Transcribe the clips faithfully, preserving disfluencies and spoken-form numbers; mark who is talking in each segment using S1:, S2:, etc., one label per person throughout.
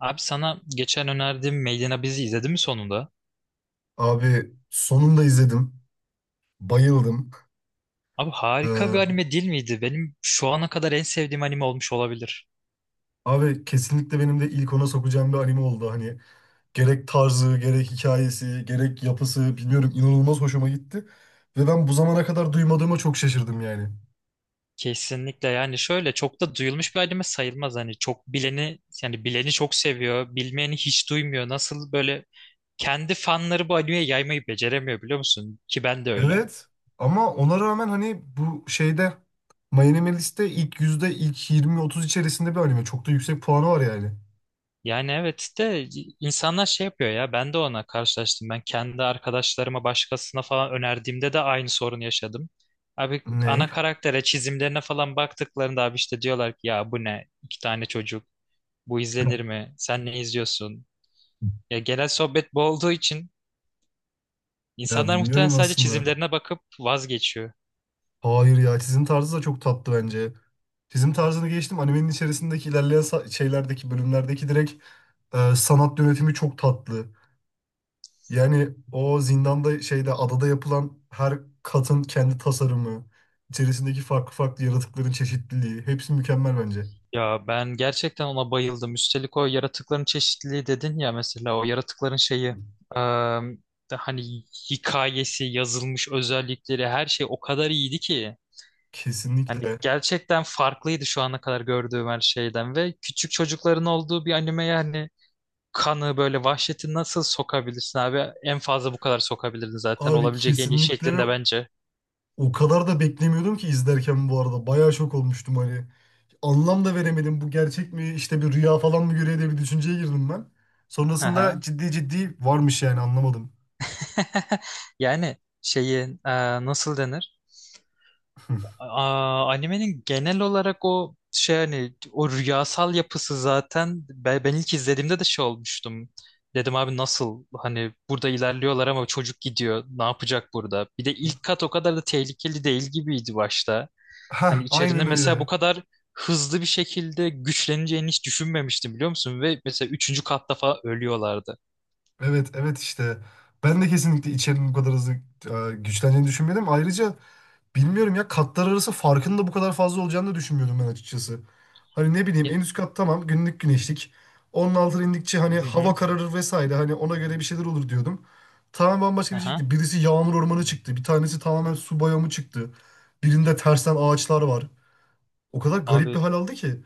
S1: Abi sana geçen önerdiğim Made bizi izledin mi sonunda?
S2: Abi sonunda izledim. Bayıldım.
S1: Abi harika bir
S2: Ee,
S1: anime değil miydi? Benim şu ana kadar en sevdiğim anime olmuş olabilir.
S2: Abi kesinlikle benim de ilk ona sokacağım bir anime oldu. Hani gerek tarzı, gerek hikayesi, gerek yapısı bilmiyorum inanılmaz hoşuma gitti. Ve ben bu zamana kadar duymadığıma çok şaşırdım yani.
S1: Kesinlikle yani şöyle çok da duyulmuş bir anime sayılmaz. Hani çok bileni yani bileni çok seviyor, bilmeyeni hiç duymuyor. Nasıl böyle kendi fanları bu animeyi yaymayı beceremiyor biliyor musun? Ki ben de öyle.
S2: Evet, ama ona rağmen hani bu şeyde My Anime List'te ilk yüzde ilk yirmi otuz içerisinde bir anime. Çok da yüksek puanı var yani.
S1: Yani evet de insanlar şey yapıyor ya ben de ona karşılaştım. Ben kendi arkadaşlarıma başkasına falan önerdiğimde de aynı sorunu yaşadım. Abi
S2: Ney?
S1: ana karaktere çizimlerine falan baktıklarında abi işte diyorlar ki ya bu ne iki tane çocuk bu izlenir mi sen ne izliyorsun? Ya genel sohbet bu olduğu için
S2: Ya
S1: insanlar muhtemelen
S2: bilmiyorum
S1: sadece
S2: aslında.
S1: çizimlerine bakıp vazgeçiyor.
S2: Hayır ya çizim tarzı da çok tatlı bence. Çizim tarzını geçtim. Animenin içerisindeki ilerleyen sa- şeylerdeki bölümlerdeki direkt e, sanat yönetimi çok tatlı. Yani o zindanda şeyde adada yapılan her katın kendi tasarımı, içerisindeki farklı farklı yaratıkların çeşitliliği hepsi mükemmel bence.
S1: Ya ben gerçekten ona bayıldım. Üstelik o yaratıkların çeşitliliği dedin ya mesela o yaratıkların şeyi Ee, hani hikayesi, yazılmış özellikleri her şey o kadar iyiydi ki. Hani
S2: Kesinlikle.
S1: gerçekten farklıydı şu ana kadar gördüğüm her şeyden ve küçük çocukların olduğu bir anime yani kanı böyle vahşeti nasıl sokabilirsin abi? En fazla bu kadar sokabilirdin zaten
S2: Abi
S1: olabilecek en iyi
S2: kesinlikle ve
S1: şeklinde bence.
S2: o kadar da beklemiyordum ki izlerken bu arada. Bayağı şok olmuştum hani. Anlam da veremedim. Bu gerçek mi işte bir rüya falan mı görüyor diye bir düşünceye girdim ben.
S1: Hı
S2: Sonrasında
S1: hı.
S2: ciddi ciddi varmış yani anlamadım.
S1: Yani şeyi e, nasıl denir? Aa, animenin genel olarak o şey hani o rüyasal yapısı zaten ben, ben ilk izlediğimde de şey olmuştum. Dedim abi nasıl hani burada ilerliyorlar ama çocuk gidiyor ne yapacak burada? Bir de ilk kat o kadar da tehlikeli değil gibiydi başta. Hani
S2: Heh,
S1: içerinde
S2: aynen
S1: mesela bu
S2: öyle.
S1: kadar hızlı bir şekilde güçleneceğini hiç düşünmemiştim biliyor musun? Ve mesela üçüncü katta falan ölüyorlardı.
S2: Evet evet işte ben de kesinlikle içerinin bu kadar hızlı e, güçleneceğini düşünmedim. Ayrıca bilmiyorum ya katlar arası farkın da bu kadar fazla olacağını da düşünmüyordum ben açıkçası. Hani ne bileyim en
S1: Ye-
S2: üst kat tamam günlük güneşlik. Onun altına indikçe hani
S1: Hı
S2: hava
S1: hı.
S2: kararır vesaire hani ona göre bir şeyler olur diyordum. Tamamen bambaşka bir şey
S1: Aha.
S2: çıktı. Birisi yağmur ormanı çıktı. Bir tanesi tamamen su bayramı çıktı. Birinde tersten ağaçlar var. O kadar garip bir
S1: Abi
S2: hal aldı ki.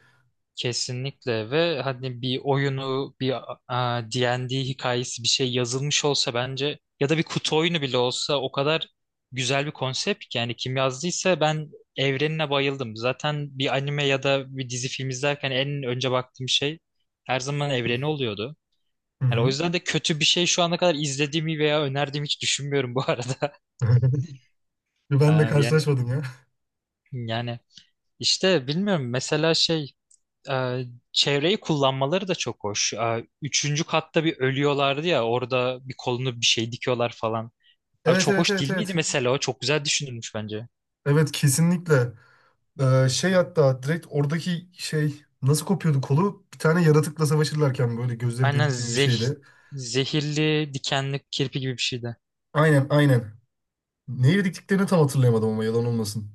S1: Kesinlikle ve hani bir oyunu bir a, D ve D hikayesi bir şey yazılmış olsa bence ya da bir kutu oyunu bile olsa o kadar güzel bir konsept ki yani kim yazdıysa ben evrenine bayıldım. Zaten bir anime ya da bir dizi film izlerken en önce baktığım şey her zaman evreni oluyordu.
S2: Hı
S1: Yani o
S2: hı.
S1: yüzden de kötü bir şey şu ana kadar izlediğimi veya önerdiğimi hiç düşünmüyorum bu arada.
S2: Ben de
S1: Aa, Yani
S2: karşılaşmadım ya.
S1: yani işte bilmiyorum mesela şey e, çevreyi kullanmaları da çok hoş. E, üçüncü katta bir ölüyorlardı ya orada bir kolunu bir şey dikiyorlar falan. Abi
S2: Evet
S1: çok
S2: evet
S1: hoş
S2: evet
S1: değil miydi
S2: evet.
S1: mesela o? Çok güzel düşünülmüş bence.
S2: Evet kesinlikle. Ee, şey, hatta direkt oradaki şey nasıl kopuyordu kolu? Bir tane yaratıkla savaşırlarken böyle gözleri
S1: Aynen
S2: delik gibi bir
S1: zeh
S2: şeydi.
S1: zehirli dikenli kirpi gibi bir şeydi.
S2: Aynen aynen. Ne dediklerini tam hatırlayamadım ama yalan olmasın.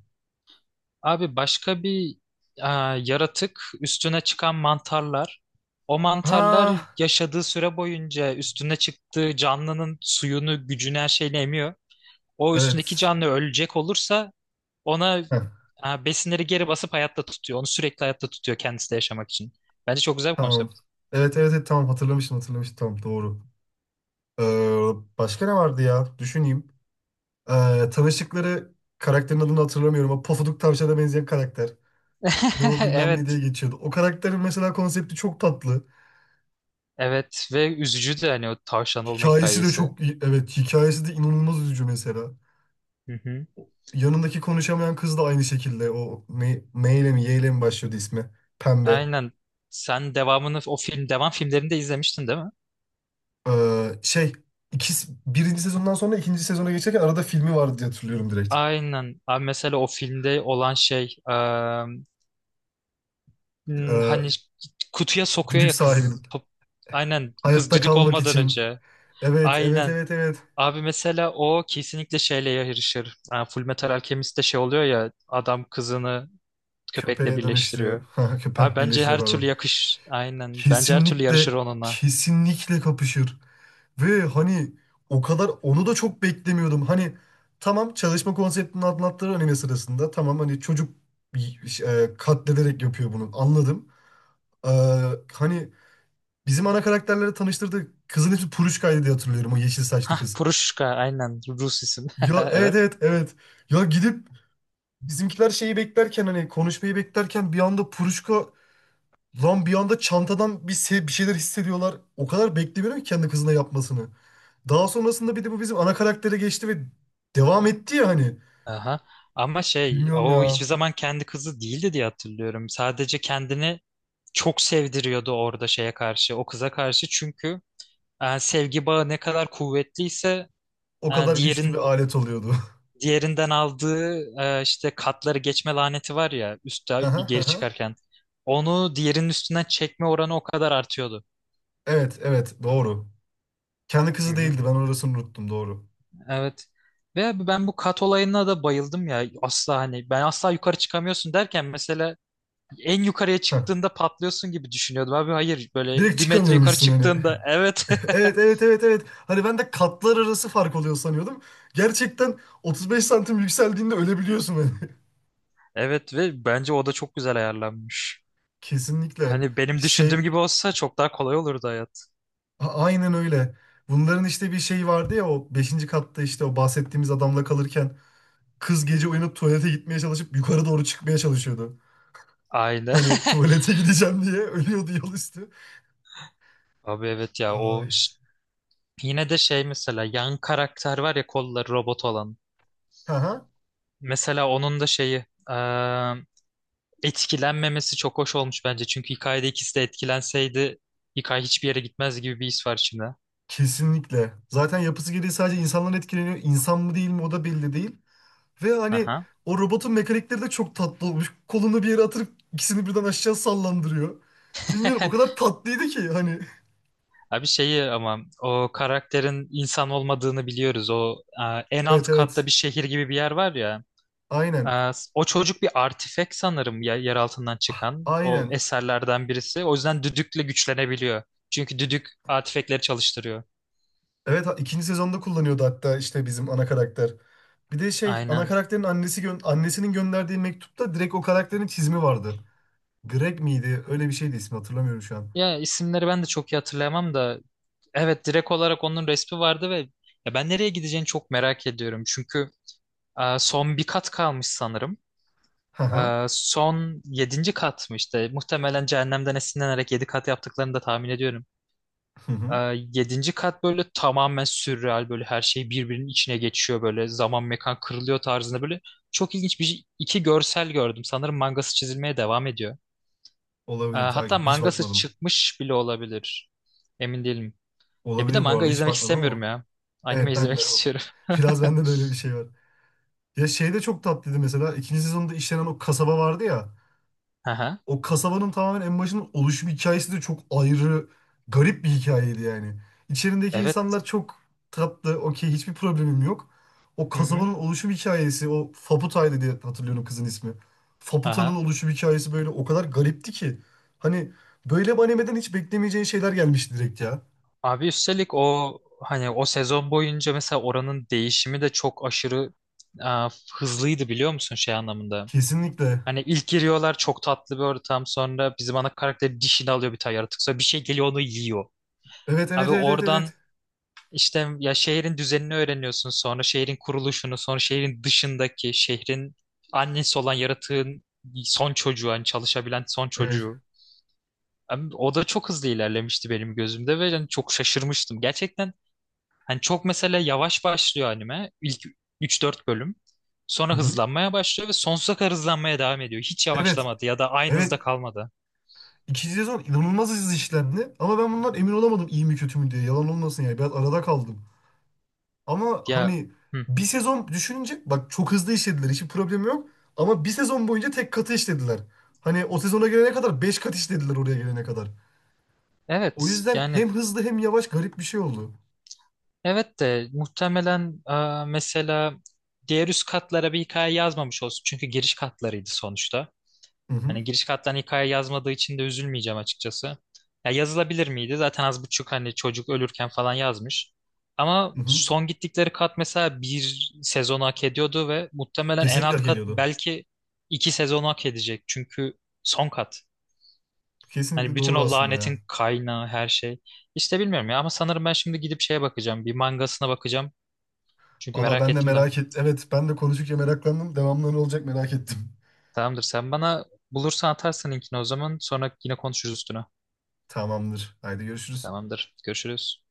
S1: Abi başka bir e, yaratık üstüne çıkan mantarlar. O mantarlar
S2: Ha
S1: yaşadığı süre boyunca üstüne çıktığı canlının suyunu, gücünü her şeyini emiyor. O üstündeki
S2: evet.
S1: canlı ölecek olursa Ona
S2: Heh,
S1: e, besinleri geri basıp hayatta tutuyor. Onu sürekli hayatta tutuyor kendisi de yaşamak için. Bence çok güzel bir
S2: tamam.
S1: konsept.
S2: Evet evet evet tamam, hatırlamışım hatırlamışım, tamam doğru. Ee, Başka ne vardı ya? Düşüneyim. Ee, tanıştıkları karakterin adını hatırlamıyorum ama Pofuduk Tavşan'a benzeyen karakter. Ne o bilmem
S1: Evet,
S2: ne diye geçiyordu. O karakterin mesela konsepti çok tatlı.
S1: evet ve üzücü de hani o tavşan olma
S2: Hikayesi de
S1: hikayesi.
S2: çok iyi. Evet, hikayesi de inanılmaz üzücü mesela.
S1: Hı hı.
S2: Yanındaki konuşamayan kız da aynı şekilde o ne, M ile mi Y ile mi başlıyordu ismi? Pembe.
S1: Aynen. Sen devamını o film devam filmlerini de izlemiştin değil mi?
S2: Ee, şey ikisi, birinci sezondan sonra ikinci sezona geçerken arada filmi vardı diye hatırlıyorum direkt.
S1: Aynen. Abi mesela o filmde olan şey e, m,
S2: Ee,
S1: hani kutuya sokuyor
S2: Düdük
S1: ya kız.
S2: sahibinin.
S1: Pop- Aynen kız
S2: Hayatta
S1: düdük
S2: kalmak
S1: olmadan
S2: için.
S1: önce.
S2: Evet evet
S1: Aynen.
S2: evet evet.
S1: Abi mesela o kesinlikle şeyle yarışır. Yani Full Metal Alchemist'te şey oluyor ya adam kızını köpekle
S2: Köpeğe
S1: birleştiriyor.
S2: dönüştürüyor. Ha,
S1: Abi
S2: köpek
S1: bence
S2: birleştiriyor
S1: her türlü
S2: pardon.
S1: yakış aynen. Bence her türlü
S2: Kesinlikle
S1: yarışır onunla.
S2: kesinlikle kapışır. Ve hani o kadar onu da çok beklemiyordum. Hani tamam çalışma konseptini anlattığı anime sırasında tamam hani çocuk e, katlederek yapıyor bunu anladım. Ee, Hani bizim ana karakterleri tanıştırdı kızın hepsi Puruşka'ydı diye hatırlıyorum o yeşil saçlı kız.
S1: Puruşka aynen Rus isim.
S2: Ya evet
S1: Evet.
S2: evet evet. Ya gidip bizimkiler şeyi beklerken hani konuşmayı beklerken bir anda Puruşka lan, bir anda çantadan bir, se- bir şeyler hissediyorlar. O kadar beklemiyorum ki kendi kızına yapmasını. Daha sonrasında bir de bu bizim ana karaktere geçti ve devam etti ya hani.
S1: Aha. Ama şey
S2: Bilmiyorum
S1: o
S2: ya.
S1: hiçbir zaman kendi kızı değildi diye hatırlıyorum. Sadece kendini çok sevdiriyordu orada şeye karşı, o kıza karşı. Çünkü e, sevgi bağı ne kadar kuvvetliyse
S2: O
S1: e,
S2: kadar güçlü bir
S1: diğerin
S2: alet oluyordu.
S1: Diğerinden aldığı e, işte katları geçme laneti var ya
S2: Hı
S1: üstte
S2: hı, hı
S1: geri
S2: hı.
S1: çıkarken. Onu diğerinin üstünden çekme oranı o kadar artıyordu.
S2: Evet evet doğru. Kendi
S1: Hı
S2: kızı
S1: hı.
S2: değildi, ben orasını unuttum doğru.
S1: Evet. Ve abi ben bu kat olayına da bayıldım ya. Asla hani ben asla yukarı çıkamıyorsun derken mesela en yukarıya
S2: Heh.
S1: çıktığında patlıyorsun gibi düşünüyordum abi. Hayır böyle
S2: Direkt
S1: bir metre yukarı
S2: çıkamıyormuşsun hani.
S1: çıktığında evet.
S2: Evet evet evet evet. Hani ben de katlar arası fark oluyor sanıyordum. Gerçekten otuz beş santim yükseldiğinde ölebiliyorsun hani.
S1: Evet ve bence o da çok güzel ayarlanmış.
S2: Kesinlikle.
S1: Hani benim düşündüğüm
S2: Şey
S1: gibi olsa çok daha kolay olurdu hayat.
S2: A- aynen öyle. Bunların işte bir şeyi vardı ya, o beşinci katta işte o bahsettiğimiz adamla kalırken kız gece uyanıp tuvalete gitmeye çalışıp yukarı doğru çıkmaya çalışıyordu.
S1: Aynen.
S2: Hani tuvalete gideceğim diye ölüyordu yol üstü.
S1: Abi evet ya
S2: Ay.
S1: o. Yine de şey mesela yan karakter var ya kolları robot olan.
S2: Aha.
S1: Mesela onun da şeyi eee, etkilenmemesi çok hoş olmuş bence. Çünkü hikayede ikisi de etkilenseydi hikaye hiçbir yere gitmez gibi bir his var şimdi.
S2: Kesinlikle. Zaten yapısı gereği sadece insanlar etkileniyor. İnsan mı değil mi o da belli değil. Ve hani
S1: Aha.
S2: o robotun mekanikleri de çok tatlı olmuş. Kolunu bir yere atırıp ikisini birden aşağı sallandırıyor. Bilmiyorum o kadar tatlıydı ki hani.
S1: Abi şeyi ama o karakterin insan olmadığını biliyoruz. O eee, en
S2: Evet
S1: alt katta
S2: evet.
S1: bir şehir gibi bir yer var ya.
S2: Aynen.
S1: Eee, o çocuk bir artifek sanırım ya, yer altından
S2: Ah,
S1: çıkan o
S2: aynen.
S1: eserlerden birisi. O yüzden düdükle güçlenebiliyor. Çünkü düdük artifekleri çalıştırıyor.
S2: Evet ha- ikinci sezonda kullanıyordu hatta işte bizim ana karakter. Bir de şey ana
S1: Aynen.
S2: karakterin annesi gö- annesinin gönderdiği mektupta direkt o karakterin çizimi vardı. Greg miydi? Öyle bir şeydi ismi, hatırlamıyorum şu an.
S1: Ya isimleri ben de çok iyi hatırlayamam da evet direkt olarak onun resmi vardı ve ya ben nereye gideceğini çok merak ediyorum. Çünkü e, son bir kat kalmış sanırım.
S2: Hı hı.
S1: E, son yedinci kat mı işte muhtemelen cehennemden esinlenerek yedi kat yaptıklarını da tahmin ediyorum.
S2: Hı
S1: E,
S2: hı.
S1: yedinci kat böyle tamamen sürreal böyle her şey birbirinin içine geçiyor böyle zaman mekan kırılıyor tarzında böyle çok ilginç bir iki görsel gördüm. Sanırım mangası çizilmeye devam ediyor. Ee,
S2: Olabilir,
S1: hatta
S2: takip hiç
S1: mangası
S2: bakmadım.
S1: çıkmış bile olabilir. Emin değilim. Ya bir de
S2: Olabilir bu
S1: manga
S2: arada, hiç
S1: izlemek
S2: bakmadım
S1: istemiyorum
S2: ama.
S1: ya. Anime
S2: Evet ben
S1: izlemek
S2: de
S1: istiyorum.
S2: biraz, bende de öyle bir şey var. Ya şey de çok tatlıydı mesela. İkinci sezonda işlenen o kasaba vardı ya.
S1: Aha.
S2: O kasabanın tamamen en başının oluşum hikayesi de çok ayrı, garip bir hikayeydi yani. İçerindeki
S1: Evet.
S2: insanlar çok tatlı, okey, hiçbir problemim yok. O
S1: Hı hı.
S2: kasabanın oluşum hikayesi, o Faputa'ydı diye hatırlıyorum kızın ismi. Faputa'nın
S1: Aha.
S2: oluşum hikayesi böyle o kadar garipti ki. Hani böyle bir animeden hiç beklemeyeceğin şeyler gelmişti direkt ya.
S1: Abi üstelik o hani o sezon boyunca mesela oranın değişimi de çok aşırı e, hızlıydı biliyor musun şey anlamında.
S2: Kesinlikle.
S1: Hani ilk giriyorlar çok tatlı bir ortam sonra bizim ana karakter dişini alıyor bir tane yaratık sonra bir şey geliyor onu yiyor.
S2: Evet, evet,
S1: Abi
S2: evet, evet,
S1: oradan
S2: evet.
S1: İşte ya şehrin düzenini öğreniyorsun sonra şehrin kuruluşunu sonra şehrin dışındaki şehrin annesi olan yaratığın son çocuğu hani çalışabilen son
S2: Evet.
S1: çocuğu. Hem O da çok hızlı ilerlemişti benim gözümde ve yani çok şaşırmıştım. Gerçekten hani çok mesela yavaş başlıyor anime ilk üç dört bölüm. Sonra
S2: Hı-hı.
S1: hızlanmaya başlıyor ve sonsuza kadar hızlanmaya devam ediyor. Hiç
S2: Evet,
S1: yavaşlamadı ya da aynı
S2: evet.
S1: hızda kalmadı.
S2: İkinci sezon inanılmaz hızlı işlendi. Ama ben bundan emin olamadım iyi mi kötü mü diye. Yalan olmasın yani. Biraz arada kaldım. Ama
S1: Ya
S2: hani
S1: hı.
S2: bir sezon düşününce bak çok hızlı işlediler. Hiçbir problem yok. Ama bir sezon boyunca tek katı işlediler. Hani o sezona gelene kadar beş kat işlediler oraya gelene kadar. O
S1: Evet
S2: yüzden
S1: yani.
S2: hem hızlı hem yavaş garip bir şey oldu.
S1: Evet de muhtemelen e, mesela diğer üst katlara bir hikaye yazmamış olsun. Çünkü giriş katlarıydı sonuçta.
S2: Hı hı.
S1: Hani giriş katlarına hikaye yazmadığı için de üzülmeyeceğim açıkçası. Ya yazılabilir miydi? Zaten az buçuk hani çocuk ölürken falan yazmış. Ama
S2: Hı hı.
S1: son gittikleri kat mesela bir sezonu hak ediyordu ve muhtemelen en
S2: Kesinlikle
S1: alt
S2: hak
S1: kat
S2: ediyordu.
S1: belki iki sezonu hak edecek. Çünkü son kat. Hani
S2: Kesinlikle
S1: bütün
S2: doğru
S1: o
S2: aslında
S1: lanetin
S2: ya.
S1: kaynağı her şey. İşte bilmiyorum ya ama sanırım ben şimdi gidip şeye bakacağım. Bir mangasına bakacağım. Çünkü
S2: Valla
S1: merak
S2: ben de
S1: ettim de.
S2: merak et. Evet ben de konuştukça meraklandım. Devamlı ne olacak merak ettim.
S1: Tamamdır. Sen bana bulursan atarsın linkini o zaman. Sonra yine konuşuruz üstüne.
S2: Tamamdır. Haydi görüşürüz.
S1: Tamamdır. Görüşürüz.